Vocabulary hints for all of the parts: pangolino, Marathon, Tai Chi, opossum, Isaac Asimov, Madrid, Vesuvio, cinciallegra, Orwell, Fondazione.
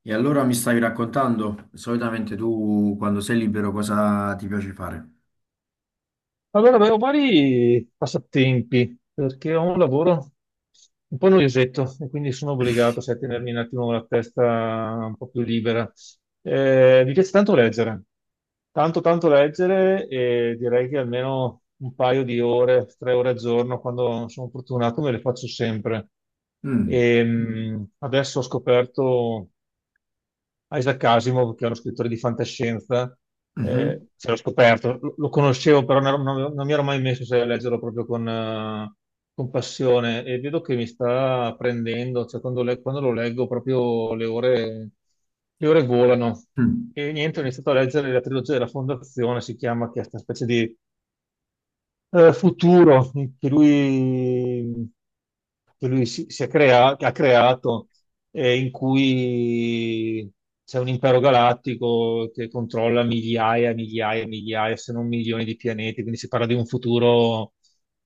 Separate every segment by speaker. Speaker 1: E allora mi stavi raccontando, solitamente tu quando sei libero cosa ti piace fare?
Speaker 2: Allora, avevo vari passatempi perché ho un lavoro un po' noiosetto e quindi sono obbligato, sai, a tenermi un attimo la testa un po' più libera. Mi piace tanto leggere, tanto tanto leggere e direi che almeno un paio di ore, 3 ore al giorno, quando sono fortunato, me le faccio sempre.
Speaker 1: Mm,
Speaker 2: E adesso ho scoperto Isaac Asimov, che è uno scrittore di fantascienza.
Speaker 1: mhm,
Speaker 2: Ce l'ho scoperto, lo conoscevo, però non mi ero mai messo, sai, a leggerlo proprio con passione e vedo che mi sta prendendo, cioè quando, quando lo leggo proprio le ore volano.
Speaker 1: mm.
Speaker 2: E niente, ho iniziato a leggere la trilogia della Fondazione, si chiama, che è questa specie di futuro che lui, che lui che ha creato, in cui c'è un impero galattico che controlla migliaia, migliaia, migliaia, se non milioni di pianeti, quindi si parla di un futuro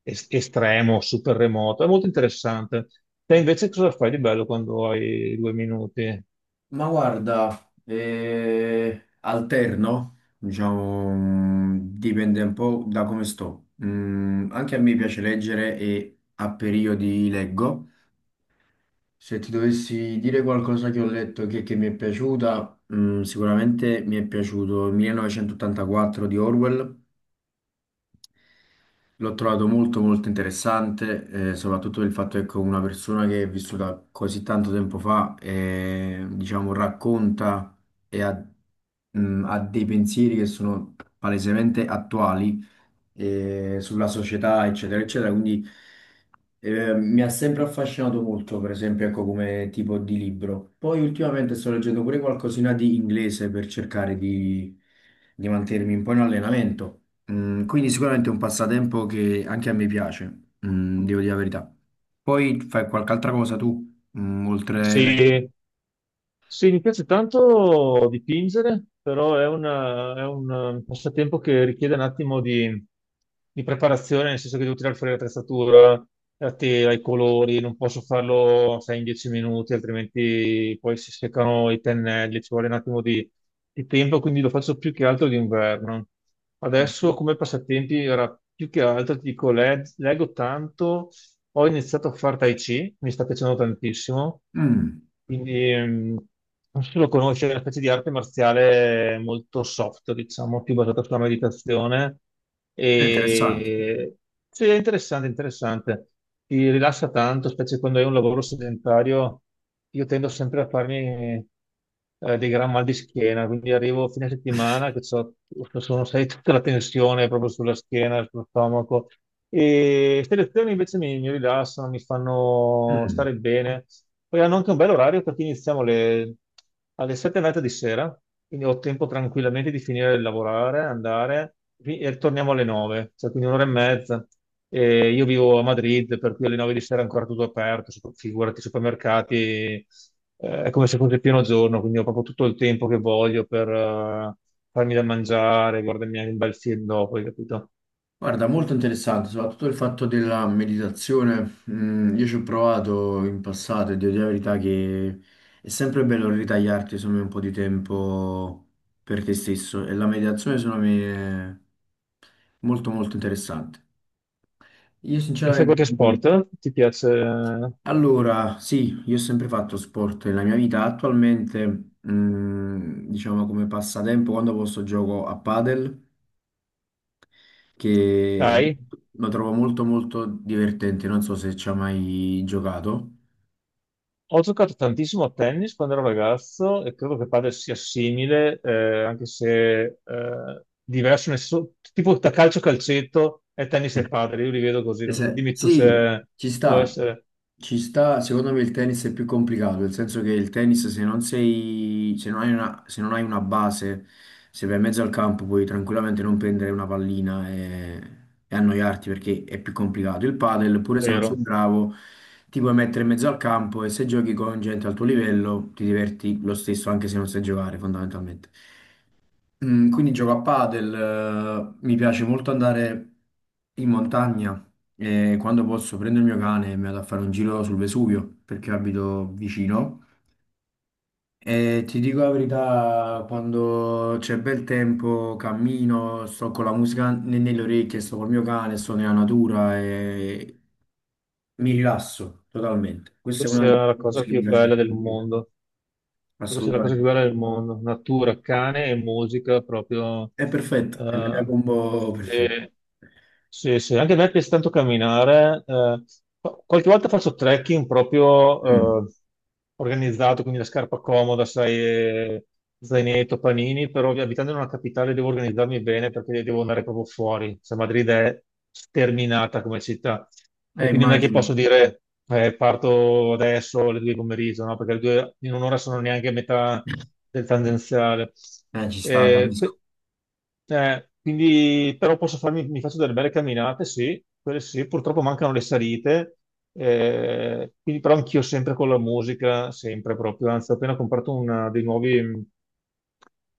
Speaker 2: estremo, super remoto. È molto interessante. Te invece cosa fai di bello quando hai 2 minuti?
Speaker 1: Ma guarda, alterno, diciamo, dipende un po' da come sto. Anche a me piace leggere e a periodi leggo. Se ti dovessi dire qualcosa che ho letto che mi è piaciuta, sicuramente mi è piaciuto 1984 di Orwell. L'ho trovato molto molto interessante, soprattutto il fatto che con una persona che è vissuta così tanto tempo fa, diciamo, racconta e ha dei pensieri che sono palesemente attuali sulla società, eccetera, eccetera. Quindi mi ha sempre affascinato molto, per esempio, ecco, come tipo di libro. Poi ultimamente sto leggendo pure qualcosina di inglese per cercare di mantenermi un po' in allenamento. Quindi sicuramente è un passatempo che anche a me piace, devo dire la verità. Poi fai qualche altra cosa tu, mm, oltre... le-
Speaker 2: Sì, sì, mi piace tanto dipingere, però è un passatempo che richiede un attimo di preparazione, nel senso che devo tirare fuori l'attrezzatura, la tela, i colori, non posso farlo, sai, in 10 minuti, altrimenti poi si seccano i pennelli, ci vuole un attimo di tempo, quindi lo faccio più che altro d'inverno. Adesso come passatempi era più che altro, ti dico, leggo tanto, ho iniziato a fare Tai Chi, mi sta piacendo tantissimo.
Speaker 1: Mm,
Speaker 2: Quindi non so se lo conosci, è una specie di arte marziale molto soft, diciamo, più basata sulla meditazione.
Speaker 1: è interessante.
Speaker 2: E sì, è interessante, interessante. Ti rilassa tanto, specie quando hai un lavoro sedentario. Io tendo sempre a farmi dei gran mal di schiena, quindi arrivo a fine settimana che sono, sai, tutta la tensione proprio sulla schiena, sullo stomaco. E queste lezioni invece mi rilassano, mi fanno
Speaker 1: Mm.
Speaker 2: stare bene. Poi hanno anche un bel orario perché iniziamo alle 7 e mezza di sera, quindi ho tempo tranquillamente di finire di lavorare, andare e torniamo alle 9, cioè quindi un'ora e mezza. E io vivo a Madrid, per cui alle 9 di sera è ancora tutto aperto, figurati, i supermercati, è come se fosse pieno giorno, quindi ho proprio tutto il tempo che voglio per farmi da mangiare, guardarmi anche un bel film dopo, hai capito?
Speaker 1: Guarda, molto interessante, soprattutto il fatto della meditazione. Io ci ho provato in passato e devo dire la verità che è sempre bello ritagliarti, insomma, un po' di tempo per te stesso e la meditazione secondo me è molto molto interessante. Io
Speaker 2: E fai
Speaker 1: sinceramente,
Speaker 2: qualche sport? Ti piace?
Speaker 1: allora, sì, io ho sempre fatto sport nella mia vita, attualmente, diciamo come passatempo, quando posso gioco a padel, che
Speaker 2: Dai.
Speaker 1: lo trovo molto molto divertente, non so se ci ha mai giocato.
Speaker 2: Ho giocato tantissimo a tennis quando ero ragazzo e credo che padel sia simile, anche se diverso, nel senso, tipo da calcio calcetto e tennis e padel, io li vedo così, non so, dimmi tu
Speaker 1: Sì,
Speaker 2: se
Speaker 1: ci
Speaker 2: può
Speaker 1: sta,
Speaker 2: essere
Speaker 1: ci sta. Secondo me il tennis è più complicato, nel senso che il tennis se non hai una, se non hai una base, se vai in mezzo al campo puoi tranquillamente non prendere una pallina e annoiarti perché è più complicato. Il padel, pure se non sei
Speaker 2: vero.
Speaker 1: bravo, ti puoi mettere in mezzo al campo e se giochi con gente al tuo livello ti diverti lo stesso anche se non sai giocare fondamentalmente. Quindi gioco a padel, mi piace molto andare in montagna e quando posso prendo il mio cane e mi vado a fare un giro sul Vesuvio perché abito vicino. E ti dico la verità, quando c'è bel tempo cammino, sto con la musica nelle orecchie, sto col mio cane, sto nella natura e mi rilasso totalmente.
Speaker 2: Credo
Speaker 1: Questa è una delle
Speaker 2: sia la
Speaker 1: cose
Speaker 2: cosa
Speaker 1: che mi
Speaker 2: più
Speaker 1: piace
Speaker 2: bella del
Speaker 1: di più,
Speaker 2: mondo, credo sia la cosa più
Speaker 1: assolutamente.
Speaker 2: bella del mondo, natura, cane e musica proprio
Speaker 1: È perfetto, è la mia
Speaker 2: eh,
Speaker 1: combo perfetta.
Speaker 2: che Sì, sì, anche a me piace tanto camminare. Qualche volta faccio trekking
Speaker 1: Mm,
Speaker 2: proprio organizzato, quindi la scarpa comoda, sai, zainetto, panini, però abitando in una capitale devo organizzarmi bene perché devo andare proprio fuori. Cioè, Madrid è sterminata come città e quindi non è che posso
Speaker 1: immagino.
Speaker 2: dire parto adesso alle 2 di pomeriggio, no? Perché le 2 in un'ora sono neanche a metà del tangenziale.
Speaker 1: Ci sta,
Speaker 2: Eh,
Speaker 1: capisco.
Speaker 2: quindi però posso farmi, mi faccio delle belle camminate, sì, quelle sì, purtroppo mancano le salite, quindi però anch'io sempre con la musica, sempre proprio, anzi ho appena comprato una, dei nuovi mh,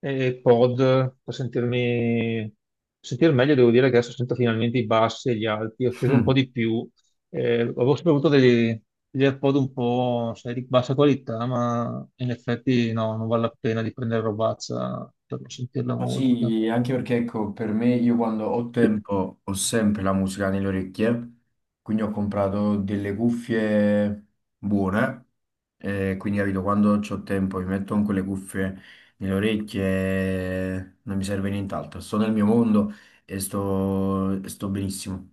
Speaker 2: eh, pod per sentirmi sentire meglio, devo dire che adesso sento finalmente i bassi e gli alti, ho speso un po'
Speaker 1: Mm.
Speaker 2: di più, avevo sempre avuto degli AirPod un po', sai, di bassa qualità, ma in effetti no, non vale la pena di prendere robazza per non sentire la
Speaker 1: Ma
Speaker 2: musica.
Speaker 1: sì, anche perché ecco, per me io quando ho tempo ho sempre la musica nelle orecchie, quindi ho comprato delle cuffie buone, quindi capito, quando ho tempo mi metto con quelle cuffie nelle orecchie, e non mi serve nient'altro, sto nel mio mondo e sto benissimo.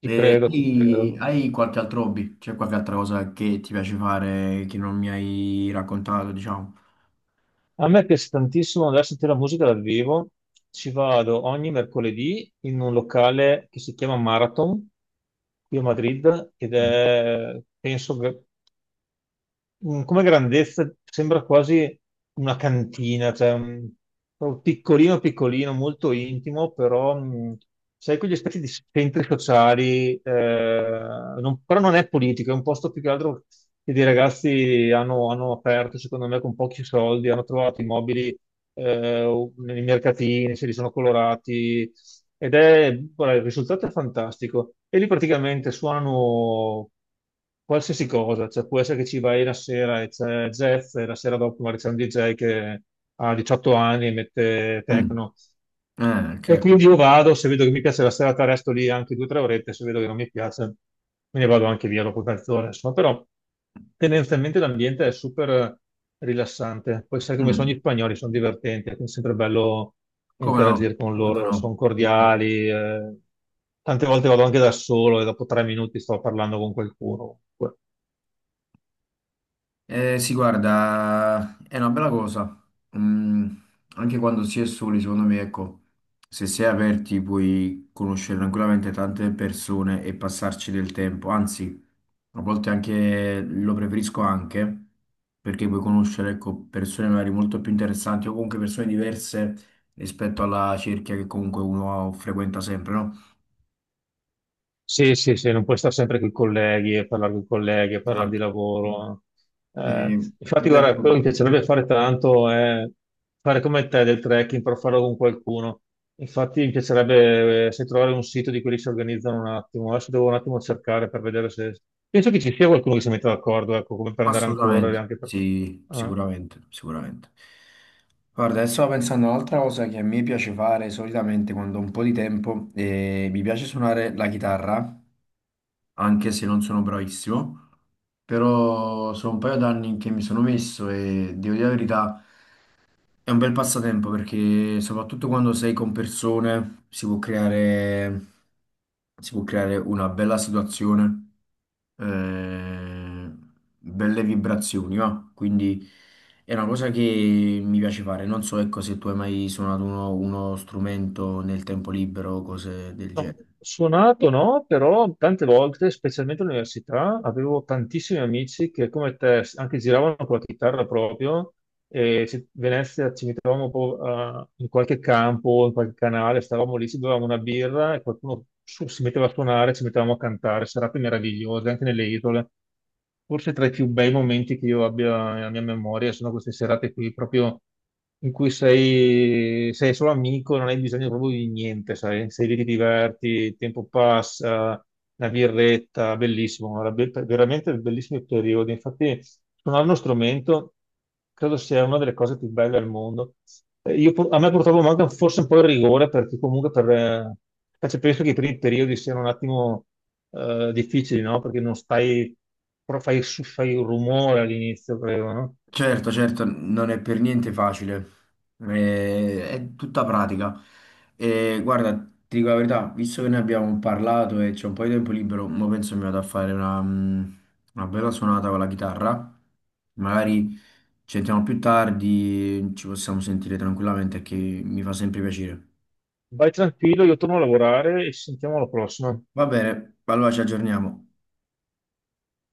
Speaker 2: Ti
Speaker 1: E
Speaker 2: credo, ti credo.
Speaker 1: hai qualche altro hobby? C'è qualche altra cosa che ti piace fare che non mi hai raccontato, diciamo?
Speaker 2: A me piace tantissimo andare a sentire la musica dal vivo. Ci vado ogni mercoledì in un locale che si chiama Marathon qui a Madrid ed è, penso, come grandezza sembra quasi una cantina, cioè proprio piccolino piccolino, molto intimo, però sai quegli aspetti di centri sociali, però non è politico, è un posto più che altro che dei ragazzi hanno aperto, secondo me, con pochi soldi, hanno trovato i mobili nei mercatini, se li sono colorati, ed è, guarda, il risultato è fantastico. E lì praticamente suonano qualsiasi cosa, cioè può essere che ci vai la sera e c'è Jeff e la sera dopo magari c'è un DJ che ha 18 anni e mette
Speaker 1: Mm.
Speaker 2: techno,
Speaker 1: Ah, ok.
Speaker 2: e quindi io
Speaker 1: Ok.
Speaker 2: vado, se vedo che mi piace la serata, resto lì anche 2 o 3 orette, se vedo che non mi piace, me ne vado anche via dopo mezz'ora. Insomma, però tendenzialmente l'ambiente è super rilassante. Poi sai come sono
Speaker 1: Mm,
Speaker 2: gli spagnoli, sono divertenti, quindi è sempre bello
Speaker 1: come no?
Speaker 2: interagire con
Speaker 1: Come
Speaker 2: loro,
Speaker 1: no?
Speaker 2: sono cordiali. Tante volte vado anche da solo e dopo 3 minuti sto parlando con qualcuno.
Speaker 1: Sì, guarda, è una bella cosa. Mm, Anche quando si è soli, secondo me, ecco, se si è aperti puoi conoscere tranquillamente tante persone e passarci del tempo. Anzi, a volte anche lo preferisco anche perché puoi conoscere, ecco, persone magari molto più interessanti o comunque persone diverse rispetto alla cerchia che comunque uno frequenta sempre, no?
Speaker 2: Sì, sì, sì, non puoi stare sempre con i colleghi e parlare con i colleghi e parlare di
Speaker 1: Esatto.
Speaker 2: lavoro.
Speaker 1: Eh,
Speaker 2: Infatti,
Speaker 1: io,
Speaker 2: guarda,
Speaker 1: ecco,
Speaker 2: quello che mi piacerebbe fare tanto è fare come te del trekking, però farlo con qualcuno. Infatti, mi piacerebbe se trovare un sito di quelli che si organizzano un attimo. Adesso devo un attimo cercare per vedere se... Penso che ci sia qualcuno che si metta d'accordo, ecco, come per andare a correre,
Speaker 1: assolutamente,
Speaker 2: anche per...
Speaker 1: sì,
Speaker 2: eh,
Speaker 1: sicuramente, sicuramente. Guarda, adesso stavo pensando a un'altra cosa che a me piace fare solitamente quando ho un po' di tempo e mi piace suonare la chitarra, anche se non sono bravissimo, però sono un paio d'anni che mi sono messo e devo dire la verità, è un bel passatempo perché soprattutto quando sei con persone si può creare una bella situazione, eh, belle vibrazioni, va. Quindi è una cosa che mi piace fare. Non so, ecco, se tu hai mai suonato uno strumento nel tempo libero o cose del
Speaker 2: No,
Speaker 1: genere.
Speaker 2: suonato no, però tante volte, specialmente all'università, avevo tantissimi amici che come te anche giravano con la chitarra proprio e Venezia ci mettevamo in qualche campo, in qualche canale, stavamo lì, ci bevevamo una birra e qualcuno si metteva a suonare, ci mettevamo a cantare, serate meravigliose anche nelle isole. Forse tra i più bei momenti che io abbia nella mia memoria sono queste serate qui, proprio in cui sei solo amico, non hai bisogno proprio di niente, sai? Sei lì, ti diverti, il tempo passa, la birretta, bellissimo, guarda, veramente bellissimi periodi. Infatti. Suonare uno strumento credo sia una delle cose più belle al mondo. A me purtroppo manca forse un po' il rigore perché comunque per, cioè, penso che i primi periodi siano un attimo difficili, no? Perché non stai, però fai un rumore all'inizio, credo, no?
Speaker 1: Certo, certo, non è per niente facile, eh, è, tutta pratica. E guarda, ti dico la verità, visto che ne abbiamo parlato e c'è un po' di tempo libero, mo penso mi vado a fare una, una bella suonata con la chitarra. Magari ci sentiamo più tardi, ci possiamo sentire tranquillamente, che mi fa sempre piacere.
Speaker 2: Vai tranquillo, io torno a lavorare e ci sentiamo alla prossima.
Speaker 1: Va bene, allora ci aggiorniamo.